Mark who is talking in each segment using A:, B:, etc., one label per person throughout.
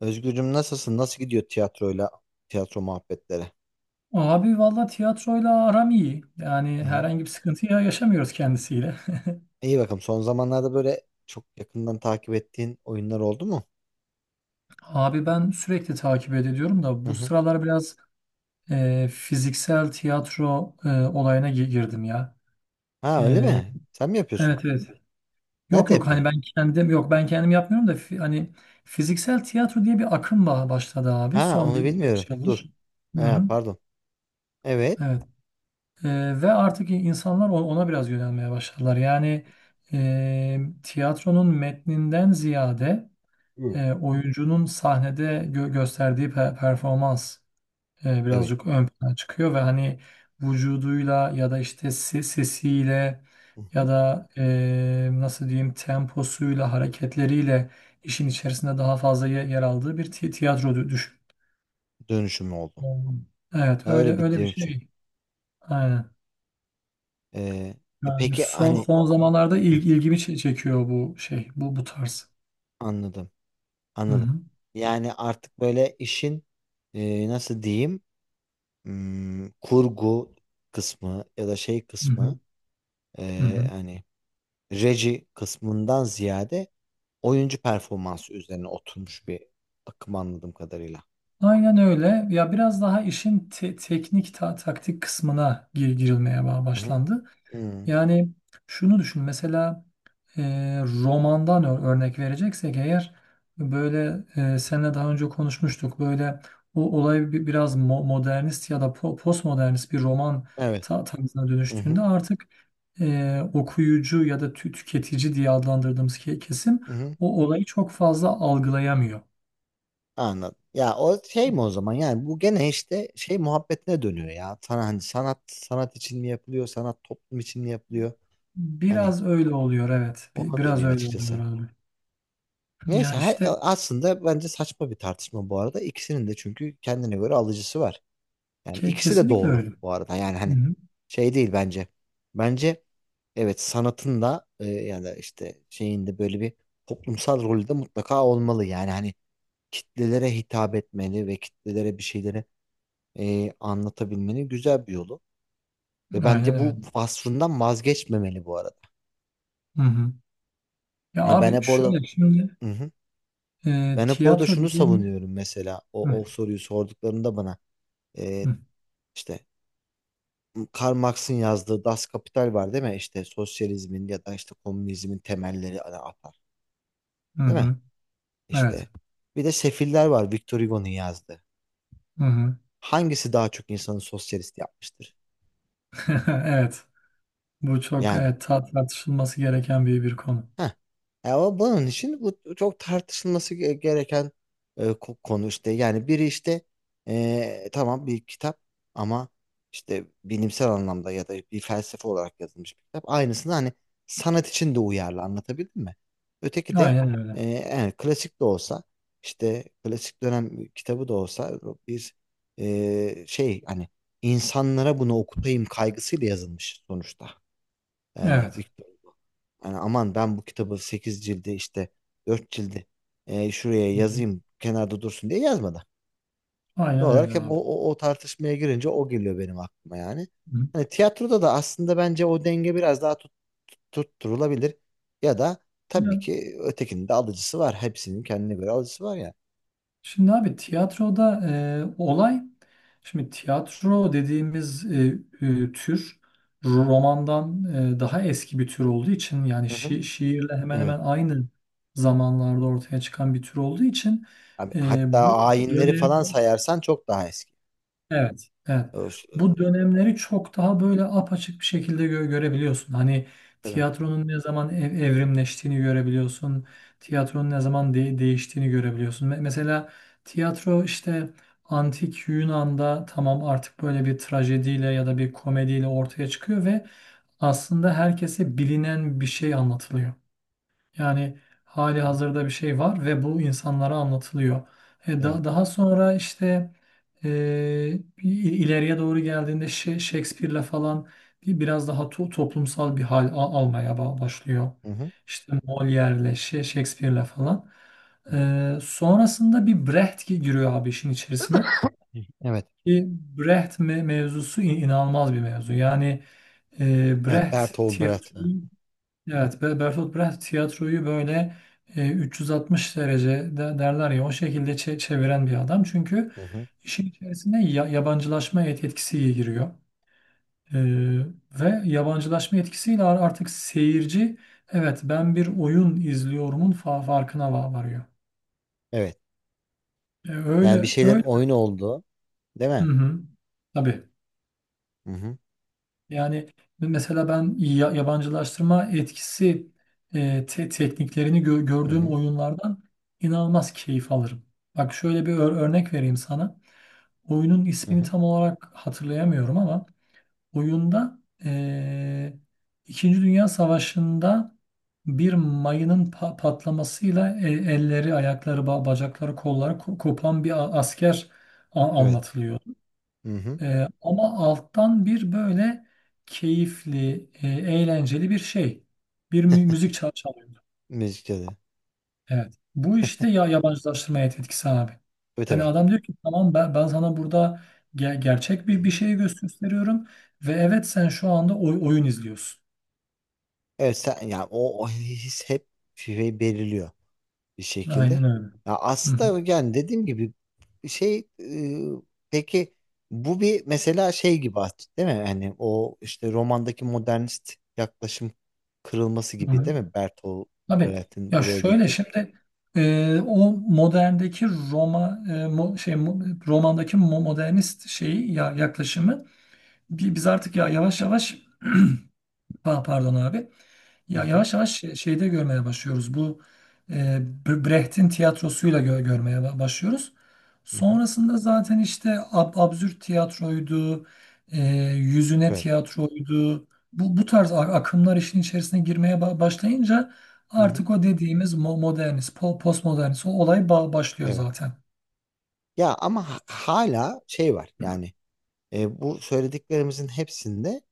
A: Özgürcüm, nasılsın? Nasıl gidiyor tiyatro muhabbetleri?
B: Abi valla tiyatroyla aram iyi.
A: Hı
B: Yani
A: hı.
B: herhangi bir sıkıntı yaşamıyoruz kendisiyle.
A: İyi bakalım. Son zamanlarda böyle çok yakından takip ettiğin oyunlar oldu mu?
B: Abi ben sürekli takip ediyorum da
A: Hı
B: bu
A: hı.
B: sıralar biraz fiziksel tiyatro olayına girdim ya.
A: Ha, öyle
B: E,
A: mi? Sen mi yapıyorsun?
B: evet evet. Yok
A: Nerede
B: yok hani
A: yapıyorsun?
B: ben kendim yok ben kendim yapmıyorum da hani fiziksel tiyatro diye bir akım başladı abi
A: Ha,
B: son
A: onu
B: bir
A: bilmiyorum.
B: birkaç
A: Dur.
B: yıldır. Hı hı,
A: Ha, pardon. Evet.
B: evet. Ve artık insanlar ona biraz yönelmeye başladılar. Yani tiyatronun metninden ziyade
A: Hı.
B: oyuncunun sahnede gösterdiği performans
A: Evet.
B: birazcık ön plana çıkıyor ve hani vücuduyla ya da işte sesiyle
A: Hı
B: ya
A: hı.
B: da nasıl diyeyim temposuyla hareketleriyle işin içerisinde daha fazla yer aldığı bir tiyatro düşün.
A: Dönüşüm oldu.
B: Hmm. Evet
A: Ha, öyle
B: öyle
A: bir
B: öyle bir
A: dönüşüm.
B: şey. Aynen.
A: Ee, e
B: Yani
A: peki
B: son
A: hani
B: son zamanlarda
A: Hı hı.
B: ilgimi çekiyor bu şey bu tarz.
A: Anladım.
B: Hı
A: Anladım.
B: hı.
A: Yani artık böyle işin nasıl diyeyim? Kurgu kısmı ya da şey
B: Hı
A: kısmı,
B: hı. Hı hı.
A: hani reji kısmından ziyade oyuncu performansı üzerine oturmuş bir akım anladığım kadarıyla.
B: Aynen öyle. Ya biraz daha işin teknik taktik kısmına girilmeye
A: Hı hı.
B: başlandı.
A: Hı.
B: Yani şunu düşün mesela e, romandan örnek vereceksek eğer böyle seninle daha önce konuşmuştuk. Böyle o olay biraz modernist ya da postmodernist bir roman
A: Evet.
B: tarzına
A: Hı
B: dönüştüğünde
A: hı.
B: artık okuyucu ya da tüketici diye adlandırdığımız kesim
A: Hı hı.
B: o olayı çok fazla algılayamıyor.
A: Anladım. Ya, o şey mi o zaman, yani bu gene işte şey muhabbetine dönüyor ya. Sana hani sanat sanat için mi yapılıyor, sanat toplum için mi yapılıyor? Hani
B: Biraz öyle oluyor evet.
A: ona
B: Biraz
A: dönüyor
B: öyle oluyor
A: açıkçası.
B: abi.
A: Neyse,
B: Ya işte
A: aslında bence saçma bir tartışma bu arada. İkisinin de çünkü kendine göre alıcısı var. Yani ikisi de
B: kesinlikle
A: doğru
B: öyle.
A: bu arada. Yani hani
B: Hı-hı.
A: şey değil bence. Bence evet, sanatın da, ya da işte şeyin de böyle bir toplumsal rolü de mutlaka olmalı. Yani hani kitlelere hitap etmeli ve kitlelere bir şeyleri anlatabilmenin güzel bir yolu. Ve
B: Aynen
A: bence
B: öyle.
A: bu vasfından vazgeçmemeli bu arada.
B: Hı-hı. Ya
A: Ha, Ben
B: abi
A: hep orada
B: şöyle şimdi
A: Hı hı. Ben hep orada
B: tiyatro
A: şunu
B: dediğim.
A: savunuyorum mesela. O,
B: Hı,
A: o soruyu sorduklarında bana, e,
B: hı,
A: işte Karl Marx'ın yazdığı Das Kapital var değil mi? İşte sosyalizmin ya da işte komünizmin temelleri ana atar.
B: hı
A: Değil mi?
B: hı. Evet.
A: İşte bir de Sefiller var, Victor Hugo'nun yazdığı.
B: Hı-hı.
A: Hangisi daha çok insanı sosyalist yapmıştır?
B: Evet. Bu çok
A: Yani.
B: evet, tartışılması gereken bir konu.
A: Heh. O bunun için bu çok tartışılması gereken konu işte. Yani biri işte, tamam, bir kitap ama işte bilimsel anlamda ya da bir felsefe olarak yazılmış bir kitap. Aynısını hani sanat için de uyarlı anlatabildim mi? Öteki de,
B: Aynen öyle.
A: yani klasik de olsa, işte klasik dönem kitabı da olsa, bir şey, hani insanlara bunu okutayım kaygısıyla yazılmış sonuçta. Yani
B: Evet.
A: Victor Hugo. Yani aman, ben bu kitabı 8 cildi işte 4 cildi şuraya
B: Hı-hı.
A: yazayım, kenarda dursun diye yazmadı.
B: Aynen
A: Doğal olarak
B: öyle
A: hep o,
B: abi.
A: o, o tartışmaya girince o geliyor benim aklıma yani.
B: Hı.
A: Hani tiyatroda da aslında bence o denge biraz daha tutturulabilir. Ya da tabii
B: Ya,
A: ki ötekinin de alıcısı var. Hepsinin kendine göre alıcısı var ya.
B: şimdi abi tiyatroda olay, şimdi tiyatro dediğimiz tür romandan daha eski bir tür olduğu için yani
A: Hı hı.
B: şiirle hemen hemen
A: Evet.
B: aynı zamanlarda ortaya çıkan bir tür olduğu için
A: Abi, hatta
B: bu
A: ayinleri
B: dönem.
A: falan sayarsan çok daha eski.
B: Evet, evet.
A: Ö-
B: Bu dönemleri çok daha böyle apaçık bir şekilde görebiliyorsun. Hani
A: Evet.
B: tiyatronun ne zaman evrimleştiğini görebiliyorsun. Tiyatronun ne zaman değiştiğini görebiliyorsun. Mesela tiyatro işte antik Yunan'da tamam artık böyle bir trajediyle ya da bir komediyle ortaya çıkıyor ve aslında herkese bilinen bir şey anlatılıyor. Yani hali
A: Hı hı.
B: hazırda bir şey var ve bu insanlara anlatılıyor.
A: Evet.
B: Daha sonra işte e, ileriye doğru geldiğinde Shakespeare'le falan biraz daha toplumsal bir hal almaya başlıyor.
A: Hı
B: İşte Molière'le, Shakespeare'le falan.
A: hı.
B: Sonrasında bir Brecht giriyor abi işin içerisine.
A: Hı. Evet.
B: Ki Brecht mevzusu inanılmaz bir mevzu. Yani
A: Evet.
B: Brecht
A: Bertolt Brecht.
B: tiyatroyu. Evet. Bertolt Brecht tiyatroyu böyle 360 derece derler ya o şekilde çeviren bir adam. Çünkü
A: Hı hı.
B: işin içerisine yabancılaşma etkisi giriyor. E, ve yabancılaşma etkisiyle artık seyirci evet ben bir oyun izliyorumun farkına varıyor.
A: Evet.
B: E,
A: Yani bir
B: öyle
A: şeylerin
B: öyle.
A: oyun olduğu, değil
B: Hı
A: mi?
B: hı. Tabii.
A: Hı hı.
B: Yani mesela ben yabancılaştırma etkisi tekniklerini
A: Hı
B: gördüğüm
A: hı.
B: oyunlardan inanılmaz keyif alırım. Bak şöyle bir örnek vereyim sana. Oyunun
A: Hı
B: ismini
A: hı.
B: tam olarak hatırlayamıyorum ama oyunda e, İkinci Dünya Savaşı'nda bir mayının patlamasıyla elleri, ayakları, bacakları, kolları kopan bir asker
A: Evet.
B: anlatılıyor.
A: Hı hı.
B: Ama alttan bir böyle keyifli, eğlenceli bir şey. Bir müzik çalıyordu.
A: Müzikte de.
B: Evet. Bu işte ya yabancılaştırmaya etkisi abi.
A: Tabii,
B: Yani
A: tabii.
B: adam diyor ki tamam ben sana burada gerçek
A: Hı
B: bir,
A: hı.
B: bir şeyi gösteriyorum ve evet sen şu anda oyun izliyorsun.
A: Evet, sen ya, o his hep şey belirliyor bir şekilde.
B: Aynen öyle.
A: Ya,
B: Hı hı.
A: aslında yani dediğim gibi şey, peki bu bir mesela şey gibi aslında, değil mi? Hani o işte romandaki modernist yaklaşım kırılması
B: Hı
A: gibi
B: hı.
A: değil mi? Bertolt
B: Tabii
A: Brecht'in
B: ya
A: buraya
B: şöyle
A: getirdiği.
B: şimdi o moderndeki romandaki modernist şeyi ya yaklaşımı. Biz artık ya yavaş yavaş pardon abi
A: Hı
B: ya
A: hı.
B: yavaş yavaş şeyde görmeye başlıyoruz. Bu e, Brecht'in tiyatrosuyla görmeye başlıyoruz.
A: Hı hı.
B: Sonrasında zaten işte absürt tiyatroydu, e, yüzüne
A: Evet.
B: tiyatroydu. Bu tarz akımlar işin içerisine girmeye başlayınca
A: Hı hı.
B: artık o dediğimiz modernist, postmodernist o olay başlıyor
A: Evet.
B: zaten.
A: Ya ama hala şey var yani, bu söylediklerimizin hepsinde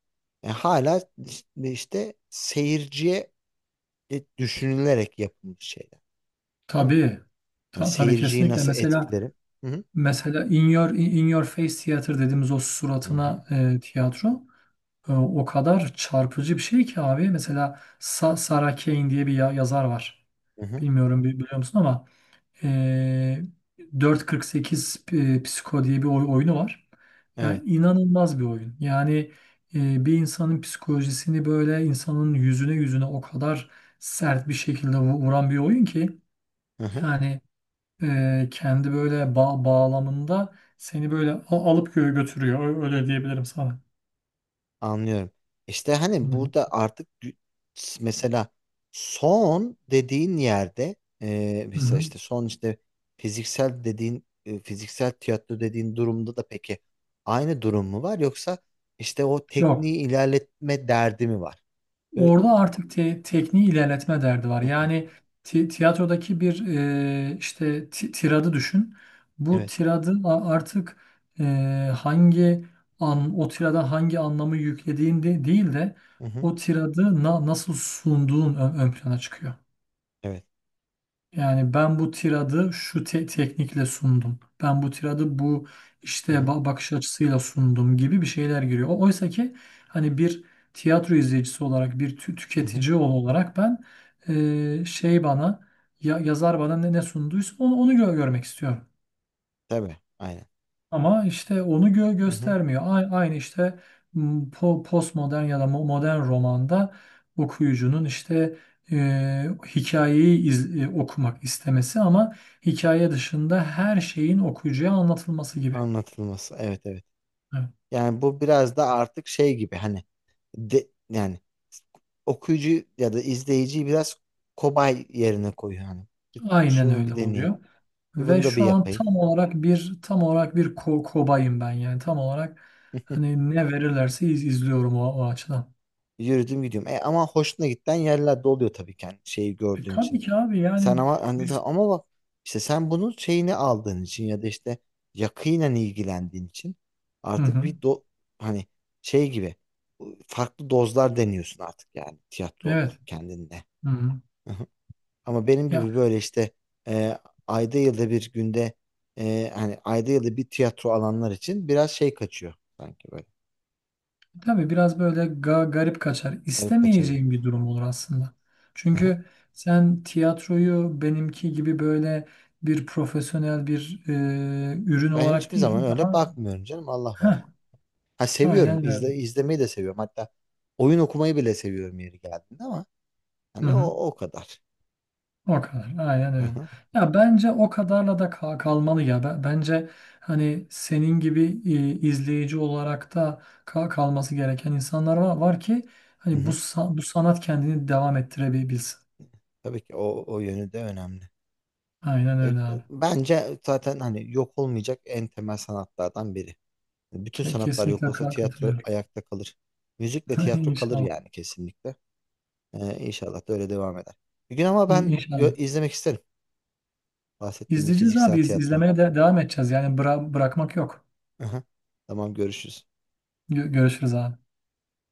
A: hala işte seyirciye düşünülerek yapılmış şeyler. Değil mi?
B: Tabii.
A: Hani
B: Tabii
A: seyirciyi
B: kesinlikle.
A: nasıl
B: Mesela
A: etkilerim? Hı hı.
B: Mesela In Your Face Theater dediğimiz o
A: Hı hı.
B: suratına tiyatro o kadar çarpıcı bir şey ki abi. Mesela Sarah Kane diye bir yazar var.
A: Hı hı.
B: Bilmiyorum biliyor musun ama e, 4.48 Psiko diye bir oyunu var.
A: Evet.
B: Yani inanılmaz bir oyun. Yani bir insanın psikolojisini böyle insanın yüzüne yüzüne o kadar sert bir şekilde vuran bir oyun ki
A: Hı hı.
B: yani kendi böyle bağlamında seni böyle alıp götürüyor. Öyle diyebilirim sana.
A: Anlıyorum. İşte
B: Hı
A: hani
B: hı.
A: burada artık mesela son dediğin yerde,
B: Hı
A: mesela
B: hı.
A: işte son işte fiziksel tiyatro dediğin durumda da peki aynı durum mu var, yoksa işte o
B: Yok.
A: tekniği ilerletme derdi mi var? Böyle-
B: Orada artık tekniği ilerletme derdi var.
A: Hı hı.
B: Yani tiyatrodaki bir işte tiradı düşün. Bu
A: Evet.
B: tiradı artık e, hangi an o tirada hangi anlamı yüklediğin de değil de
A: Hı hı.
B: o tiradı nasıl sunduğun ön plana çıkıyor.
A: Evet.
B: Yani ben bu tiradı şu teknikle sundum. Ben bu tiradı bu işte
A: Hı hı.
B: bakış açısıyla sundum gibi bir şeyler giriyor. Oysa ki hani bir tiyatro izleyicisi olarak, bir
A: Hı hı.
B: tüketici olarak ben şey bana ya, yazar bana ne sunduysa onu görmek istiyorum.
A: Tabii. Aynen.
B: Ama işte onu
A: Hı hı.
B: göstermiyor. Aynı işte m, postmodern ya da modern romanda okuyucunun işte e, hikayeyi okumak istemesi ama hikaye dışında her şeyin okuyucuya anlatılması gibi.
A: Anlatılması. Evet, evet.
B: Evet,
A: Yani bu biraz da artık şey gibi hani, de yani okuyucu ya da izleyiciyi biraz kobay yerine koyuyor hani.
B: aynen
A: Şunu
B: öyle
A: bir deneyeyim.
B: oluyor.
A: Bir
B: Ve
A: bunu da bir
B: şu an
A: yapayım.
B: tam olarak bir kobayım ben yani tam olarak hani ne verirlerse izliyorum o açıdan.
A: Yürüdüm gidiyorum. Ama hoşuna giden yerler de oluyor tabii ki, hani şeyi gördüğün
B: Tabii
A: için.
B: ki abi
A: Sen
B: yani
A: ama hani
B: biz.
A: ama bak, işte sen bunun şeyini aldığın için ya da işte yakinen ilgilendiğin için
B: Hı
A: artık
B: hı,
A: bir do hani şey gibi farklı dozlar deniyorsun artık, yani tiyatro olarak
B: evet.
A: kendinde.
B: Hı hı.
A: Ama benim
B: Ya,
A: gibi böyle işte, e, ayda yılda bir günde hani ayda yılda bir tiyatro alanlar için biraz şey kaçıyor sanki böyle.
B: tabii biraz böyle garip kaçar.
A: Garip kaçabilir.
B: İstemeyeceğim bir durum olur aslında.
A: Aha.
B: Çünkü sen tiyatroyu benimki gibi böyle bir profesyonel bir ürün
A: Ben
B: olarak
A: hiçbir zaman
B: değil
A: öyle
B: daha.
A: bakmıyorum canım, Allah var yani.
B: Heh,
A: Ha, seviyorum,
B: aynen öyle.
A: izlemeyi de seviyorum, hatta oyun okumayı bile seviyorum yeri geldiğinde, ama
B: Hı
A: hani
B: hı.
A: o kadar.
B: O kadar. Aynen öyle.
A: Aha.
B: Ya bence o kadarla da kalmalı ya. Bence hani senin gibi izleyici olarak da kalması gereken insanlar var ki
A: Hı
B: hani
A: hı.
B: bu sanat kendini devam ettirebilsin.
A: Tabii ki o yönü de önemli.
B: Aynen
A: E, e,
B: öyle abi.
A: Bence zaten hani yok olmayacak en temel sanatlardan biri. Bütün sanatlar
B: Kesinlikle
A: yok olsa
B: haklı
A: tiyatro
B: katılıyorum.
A: ayakta kalır. Müzikle tiyatro kalır
B: İnşallah.
A: yani, kesinlikle. İnşallah da öyle devam eder. Bir gün ama ben
B: İnşallah.
A: izlemek isterim. Bahsettiğim bir
B: İzleyeceğiz
A: fiziksel
B: abi. İz-
A: tiyatro.
B: izlemeye de devam edeceğiz. Yani bırakmak yok.
A: Aha. Tamam, görüşürüz.
B: Görüşürüz abi.